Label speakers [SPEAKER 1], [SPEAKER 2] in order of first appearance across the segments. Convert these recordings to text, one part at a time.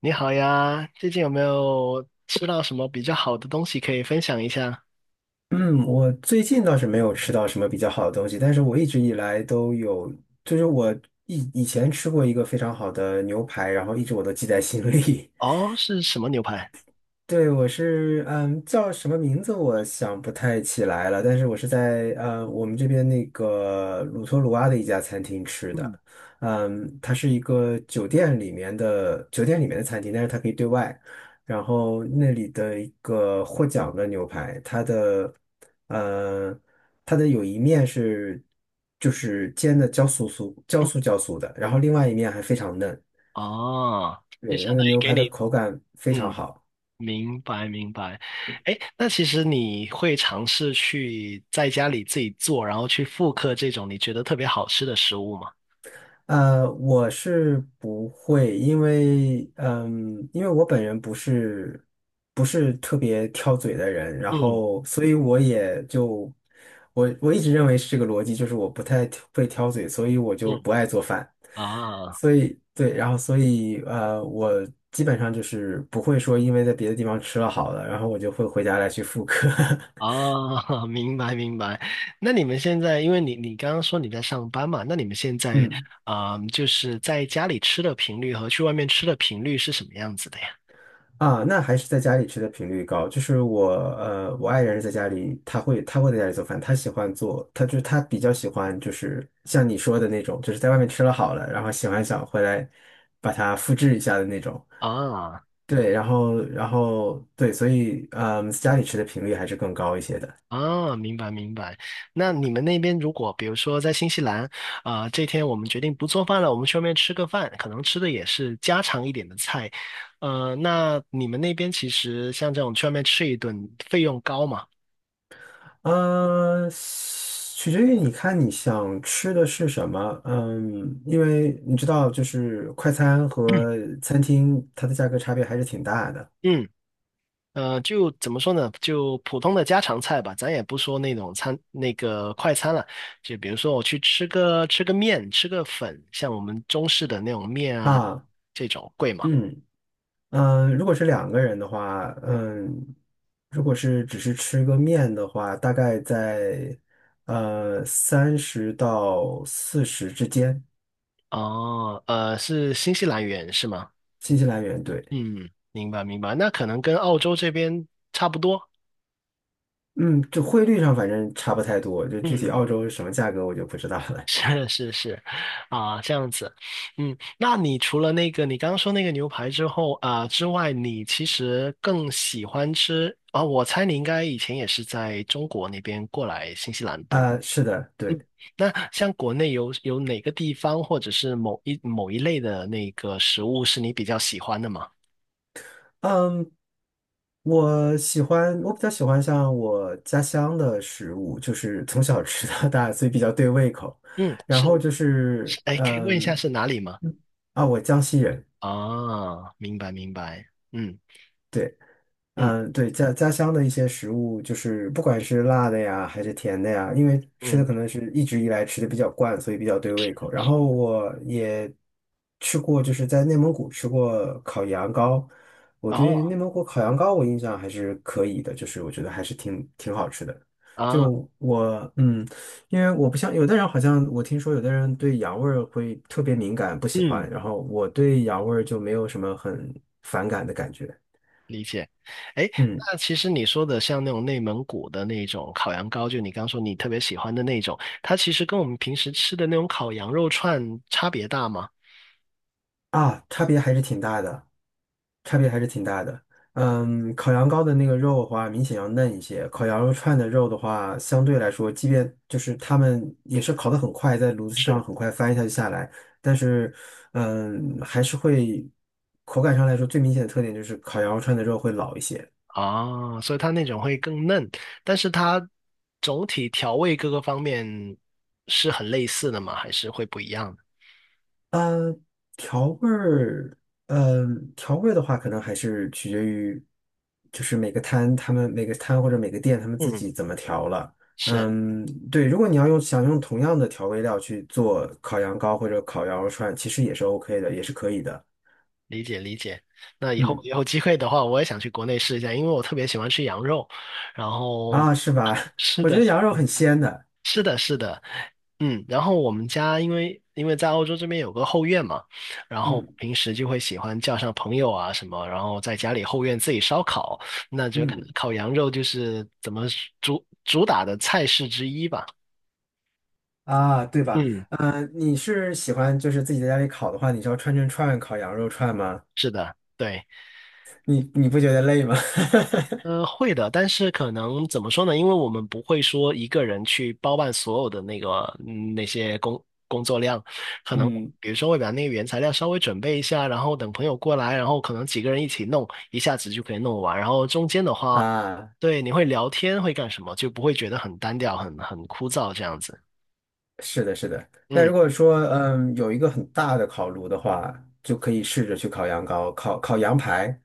[SPEAKER 1] 你好呀，最近有没有吃到什么比较好的东西可以分享一下？
[SPEAKER 2] 嗯，我最近倒是没有吃到什么比较好的东西，但是我一直以来都有，就是我以前吃过一个非常好的牛排，然后一直我都记在心里。
[SPEAKER 1] 哦，是什么牛排？
[SPEAKER 2] 对，我是叫什么名字我想不太起来了，但是我是在我们这边那个鲁托鲁阿的一家餐厅吃
[SPEAKER 1] 嗯，
[SPEAKER 2] 的，嗯，它是一个酒店里面的酒店里面的餐厅，但是它可以对外，然后那里的一个获奖的牛排，它的呃它的有一面是就是煎的焦酥酥焦酥的，然后另外一面还非常嫩，
[SPEAKER 1] 哦，就
[SPEAKER 2] 对，
[SPEAKER 1] 相
[SPEAKER 2] 那个
[SPEAKER 1] 当于
[SPEAKER 2] 牛
[SPEAKER 1] 给
[SPEAKER 2] 排的
[SPEAKER 1] 你，
[SPEAKER 2] 口感非常
[SPEAKER 1] 嗯，
[SPEAKER 2] 好。
[SPEAKER 1] 明白明白。哎，那其实你会尝试去在家里自己做，然后去复刻这种你觉得特别好吃的食物吗？
[SPEAKER 2] 我是不会，因为因为我本人不是特别挑嘴的人，然
[SPEAKER 1] 嗯
[SPEAKER 2] 后所以我也就我一直认为是这个逻辑，就是我不太挑嘴，所以我就
[SPEAKER 1] 嗯，
[SPEAKER 2] 不爱做饭，
[SPEAKER 1] 啊。
[SPEAKER 2] 所以对，然后所以我基本上就是不会说因为在别的地方吃了好的，然后我就会回家来去复刻，
[SPEAKER 1] 啊，明白明白。那你们现在，因为你刚刚说你在上班嘛，那你们现 在
[SPEAKER 2] 嗯。
[SPEAKER 1] 啊、就是在家里吃的频率和去外面吃的频率是什么样子的呀？
[SPEAKER 2] 啊，那还是在家里吃的频率高。就是我，我爱人是在家里，他会在家里做饭，他喜欢做，他就是他比较喜欢，就是像你说的那种，就是在外面吃了好了，然后喜欢想回来把它复制一下的那种。
[SPEAKER 1] 啊
[SPEAKER 2] 对，然后对，所以嗯，家里吃的频率还是更高一些的。
[SPEAKER 1] 啊，明白明白。那你们那边如果比如说在新西兰啊、这天我们决定不做饭了，我们去外面吃个饭，可能吃的也是家常一点的菜。那你们那边其实像这种去外面吃一顿费用高嘛？
[SPEAKER 2] 取决于你看你想吃的是什么，嗯，因为你知道，就是快餐和 餐厅它的价格差别还是挺大的。
[SPEAKER 1] 嗯就怎么说呢？就普通的家常菜吧，咱也不说那种餐，那个快餐了。就比如说我去吃个面，吃个粉，像我们中式的那种面啊，
[SPEAKER 2] 啊，
[SPEAKER 1] 这种贵吗？
[SPEAKER 2] 嗯如果是两个人的话，嗯，如果是只是吃个面的话，大概在三十到四十之间，
[SPEAKER 1] 哦，是新西兰元是吗？
[SPEAKER 2] 新西兰元对，
[SPEAKER 1] 嗯，明白明白。那可能跟澳洲这边差不多。
[SPEAKER 2] 嗯，就汇率上反正差不太多，就具体
[SPEAKER 1] 嗯。
[SPEAKER 2] 澳洲是什么价格我就不知道 了。
[SPEAKER 1] 是是是，啊，这样子，嗯，那你除了那个你刚刚说那个牛排之后啊之外，你其实更喜欢吃啊？我猜你应该以前也是在中国那边过来新西兰，对吗？
[SPEAKER 2] 啊，是的，
[SPEAKER 1] 嗯，
[SPEAKER 2] 对。
[SPEAKER 1] 那像国内有哪个地方或者是某一类的那个食物是你比较喜欢的吗？
[SPEAKER 2] 嗯，我喜欢，我比较喜欢像我家乡的食物，就是从小吃到大，所以比较对胃口。
[SPEAKER 1] 嗯，
[SPEAKER 2] 然后
[SPEAKER 1] 是，
[SPEAKER 2] 就
[SPEAKER 1] 是
[SPEAKER 2] 是，
[SPEAKER 1] 哎，可以问一下
[SPEAKER 2] 嗯，
[SPEAKER 1] 是哪里吗？
[SPEAKER 2] 啊，我江西人，
[SPEAKER 1] 啊，明白明白，嗯
[SPEAKER 2] 对。
[SPEAKER 1] 嗯
[SPEAKER 2] 嗯，对，家乡的一些食物，就是不管是辣的呀，还是甜的呀，因为吃的
[SPEAKER 1] 嗯，
[SPEAKER 2] 可能是一直以来吃的比较惯，所以比较对胃口。然后我也吃过，就是在内蒙古吃过烤羊羔，我对
[SPEAKER 1] 哦
[SPEAKER 2] 内蒙古烤羊羔我印象还是可以的，就是我觉得还是挺好吃的。
[SPEAKER 1] 啊，
[SPEAKER 2] 就我因为我不像有的人，好像我听说有的人对羊味儿会特别敏感，不喜
[SPEAKER 1] 嗯。
[SPEAKER 2] 欢，然后我对羊味儿就没有什么很反感的感觉。
[SPEAKER 1] 理解，哎，
[SPEAKER 2] 嗯。
[SPEAKER 1] 那其实你说的像那种内蒙古的那种烤羊羔，就你刚说你特别喜欢的那种，它其实跟我们平时吃的那种烤羊肉串差别大吗？
[SPEAKER 2] 啊，差别还是挺大的，差别还是挺大的。嗯，烤羊羔的那个肉的话，明显要嫩一些；烤羊肉串的肉的话，相对来说，即便就是他们也是烤得很快，在炉子上
[SPEAKER 1] 是，
[SPEAKER 2] 很快翻一下就下来，但是，嗯，还是会口感上来说，最明显的特点就是烤羊肉串的肉会老一些。
[SPEAKER 1] 啊，所以它那种会更嫩，但是它总体调味各个方面是很类似的吗？还是会不一样的？
[SPEAKER 2] 嗯，调味儿，呃，调味儿的话，可能还是取决于，就是每个摊或者每个店他们自
[SPEAKER 1] 嗯，
[SPEAKER 2] 己怎么调了。
[SPEAKER 1] 是，
[SPEAKER 2] 嗯，对，如果你要想用同样的调味料去做烤羊羔或者烤羊肉串，其实也是 OK 的，也是可以的。
[SPEAKER 1] 理解理解。那以后
[SPEAKER 2] 嗯，
[SPEAKER 1] 有机会的话，我也想去国内试一下，因为我特别喜欢吃羊肉，然后。
[SPEAKER 2] 啊，是吧？
[SPEAKER 1] 是
[SPEAKER 2] 我觉
[SPEAKER 1] 的，
[SPEAKER 2] 得羊肉很鲜的。
[SPEAKER 1] 是的，是的，嗯，然后我们家因为在欧洲这边有个后院嘛，然后
[SPEAKER 2] 嗯
[SPEAKER 1] 平时就会喜欢叫上朋友啊什么，然后在家里后院自己烧烤，那就可能
[SPEAKER 2] 嗯。
[SPEAKER 1] 烤羊肉就是怎么主打的菜式之一吧。
[SPEAKER 2] 啊，对吧？
[SPEAKER 1] 嗯，
[SPEAKER 2] 嗯，你是喜欢就是自己在家里烤的话，你是要串烤羊肉串吗？
[SPEAKER 1] 是的，对。
[SPEAKER 2] 你你不觉得累吗？
[SPEAKER 1] 会的，但是可能怎么说呢？因为我们不会说一个人去包办所有的那个嗯那些工作量，可能
[SPEAKER 2] 嗯。
[SPEAKER 1] 比如说会把那个原材料稍微准备一下，然后等朋友过来，然后可能几个人一起弄，一下子就可以弄完。然后中间的话，
[SPEAKER 2] 啊，
[SPEAKER 1] 对，你会聊天，会干什么，就不会觉得很单调、很枯燥这样子。
[SPEAKER 2] 是的，是的。那
[SPEAKER 1] 嗯，
[SPEAKER 2] 如果说，嗯，有一个很大的烤炉的话，就可以试着去烤羊羔、烤羊排。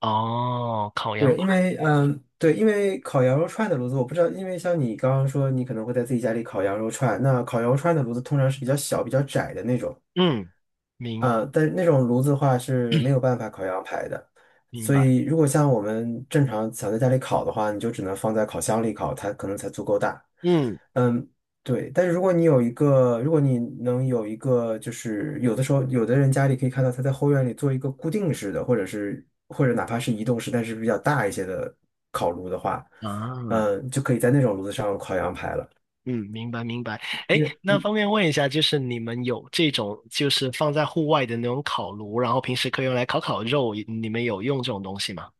[SPEAKER 1] 哦，烤羊
[SPEAKER 2] 对，
[SPEAKER 1] 排，
[SPEAKER 2] 因为，嗯，对，因为烤羊肉串的炉子，我不知道，因为像你刚刚说，你可能会在自己家里烤羊肉串，那烤羊肉串的炉子通常是比较小、比较窄的那种。
[SPEAKER 1] 嗯，明
[SPEAKER 2] 但是那种炉子的话是没有办法烤羊排的，
[SPEAKER 1] 明
[SPEAKER 2] 所
[SPEAKER 1] 白，
[SPEAKER 2] 以如果像我们正常想在家里烤的话，你就只能放在烤箱里烤，它可能才足够大。
[SPEAKER 1] 嗯
[SPEAKER 2] 嗯，对。但是如果你有一个，如果你能有一个，就是有的时候有的人家里可以看到他在后院里做一个固定式的，或者是或者哪怕是移动式，但是比较大一些的烤炉的话，
[SPEAKER 1] 啊。
[SPEAKER 2] 嗯，就可以在那种炉子上烤羊排了。
[SPEAKER 1] 嗯，明白明白。哎，
[SPEAKER 2] 因为。
[SPEAKER 1] 那方便问一下，就是你们有这种就是放在户外的那种烤炉，然后平时可以用来烤烤肉，你们有用这种东西吗？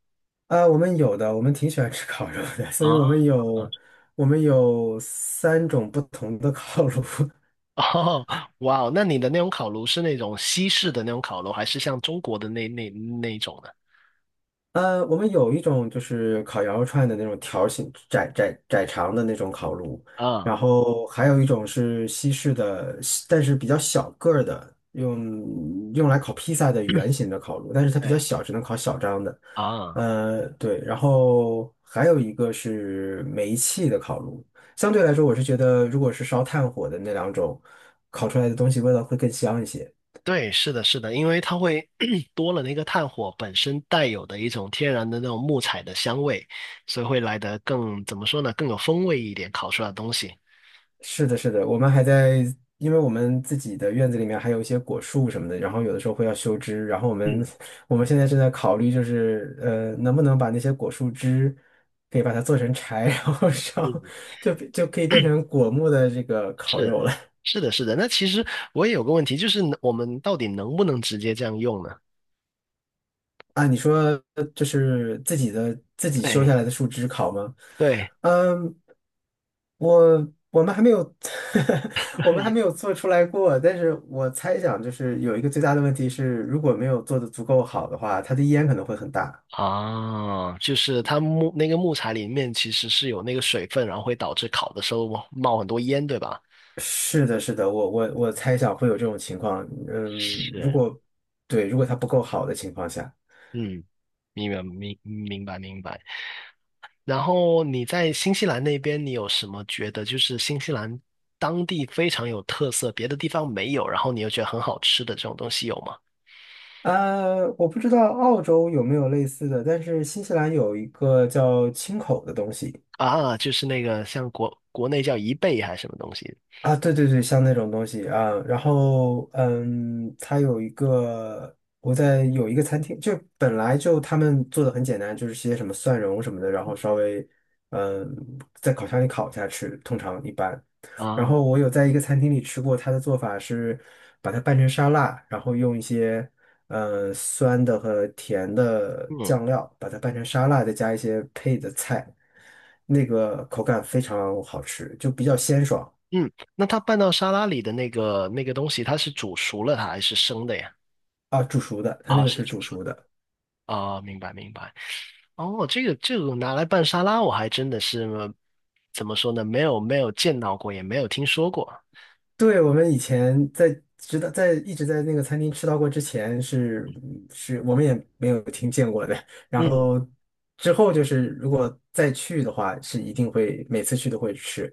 [SPEAKER 2] 啊，我们有的，我们挺喜欢吃烤肉的，所
[SPEAKER 1] 啊
[SPEAKER 2] 以我们有三种不同的烤炉，
[SPEAKER 1] 哦，哇哦，那你的那种烤炉是那种西式的那种烤炉，还是像中国的那一种的？
[SPEAKER 2] 我们有一种就是烤羊肉串的那种条形窄长的那种烤炉，然
[SPEAKER 1] 啊，
[SPEAKER 2] 后还有一种是西式的，但是比较小个儿的，用来烤披萨的圆形的烤炉，但是它比较
[SPEAKER 1] 对
[SPEAKER 2] 小，只能烤小张的。
[SPEAKER 1] 啊，
[SPEAKER 2] 对，然后还有一个是煤气的烤炉。相对来说，我是觉得如果是烧炭火的那两种，烤出来的东西味道会更香一些。
[SPEAKER 1] 对，是的，是的，因为它会 多了那个炭火本身带有的一种天然的那种木材的香味，所以会来得更，怎么说呢，更有风味一点，烤出来的东西。
[SPEAKER 2] 是的，是的，我们还在，因为我们自己的院子里面还有一些果树什么的，然后有的时候会要修枝，然后我们
[SPEAKER 1] 嗯。
[SPEAKER 2] 我们现在正在考虑，就是能不能把那些果树枝可以把它做成柴，然后
[SPEAKER 1] 嗯，
[SPEAKER 2] 烧，就可以变成果木的这个烤
[SPEAKER 1] 是
[SPEAKER 2] 肉了。
[SPEAKER 1] 是的，是的。那其实我也有个问题，就是能我们到底能不能直接这样用呢？
[SPEAKER 2] 啊，你说就是自己修
[SPEAKER 1] 对，
[SPEAKER 2] 下来的树枝烤吗？
[SPEAKER 1] 对，
[SPEAKER 2] 嗯，我我们还没有，我们还没有做出来过，但是我猜想就是有一个最大的问题是，如果没有做的足够好的话，它的烟可能会很大。
[SPEAKER 1] 啊，就是它木那个木材里面其实是有那个水分，然后会导致烤的时候冒很多烟，对吧？
[SPEAKER 2] 是的，是的，我猜想会有这种情况。嗯，如
[SPEAKER 1] 是，
[SPEAKER 2] 果对，如果它不够好的情况下。
[SPEAKER 1] 嗯，明白明白明白。然后你在新西兰那边，你有什么觉得就是新西兰当地非常有特色，别的地方没有，然后你又觉得很好吃的这种东西有吗？
[SPEAKER 2] 我不知道澳洲有没有类似的，但是新西兰有一个叫青口的东西，
[SPEAKER 1] 啊，就是那个像国内叫贻贝还是什么东西
[SPEAKER 2] 啊，对对对，像那种东西啊，然后嗯，它有一个，有一个餐厅，就本来就他们做的很简单，就是些什么蒜蓉什么的，然后稍微嗯在烤箱里烤一下吃，通常一般。然
[SPEAKER 1] 啊？
[SPEAKER 2] 后我有在一个餐厅里吃过，它的做法是把它拌成沙拉，然后用一些酸的和甜的
[SPEAKER 1] 嗯
[SPEAKER 2] 酱料把它拌成沙拉，再加一些配的菜，那个口感非常好吃，就比较鲜爽。
[SPEAKER 1] 嗯，那它拌到沙拉里的那个那个东西，它是煮熟了它还是生的呀？
[SPEAKER 2] 啊，煮熟的，它那
[SPEAKER 1] 啊，
[SPEAKER 2] 个
[SPEAKER 1] 是
[SPEAKER 2] 是
[SPEAKER 1] 煮
[SPEAKER 2] 煮
[SPEAKER 1] 熟的
[SPEAKER 2] 熟的。
[SPEAKER 1] 啊，明白明白。哦，这个这个拿来拌沙拉，我还真的是怎么说呢？没有没有见到过，也没有听说过。
[SPEAKER 2] 对，我们以前在直到在一直在那个餐厅吃到过之前是我们也没有听见过的。然
[SPEAKER 1] 嗯，
[SPEAKER 2] 后之后就是如果再去的话，是一定会每次去都会吃。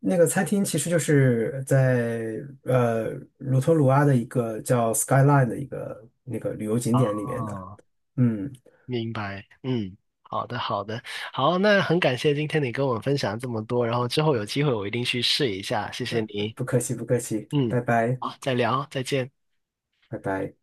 [SPEAKER 2] 那个餐厅其实就是在鲁托鲁阿的一个叫 Skyline 的一个那个旅游景点里面的。
[SPEAKER 1] 啊，
[SPEAKER 2] 嗯，
[SPEAKER 1] 明白。嗯，好的好的，好，那很感谢今天你跟我分享这么多，然后之后有机会我一定去试一下，谢谢你。
[SPEAKER 2] 不客气不客气，
[SPEAKER 1] 嗯，好，再聊啊，再见。
[SPEAKER 2] 拜拜。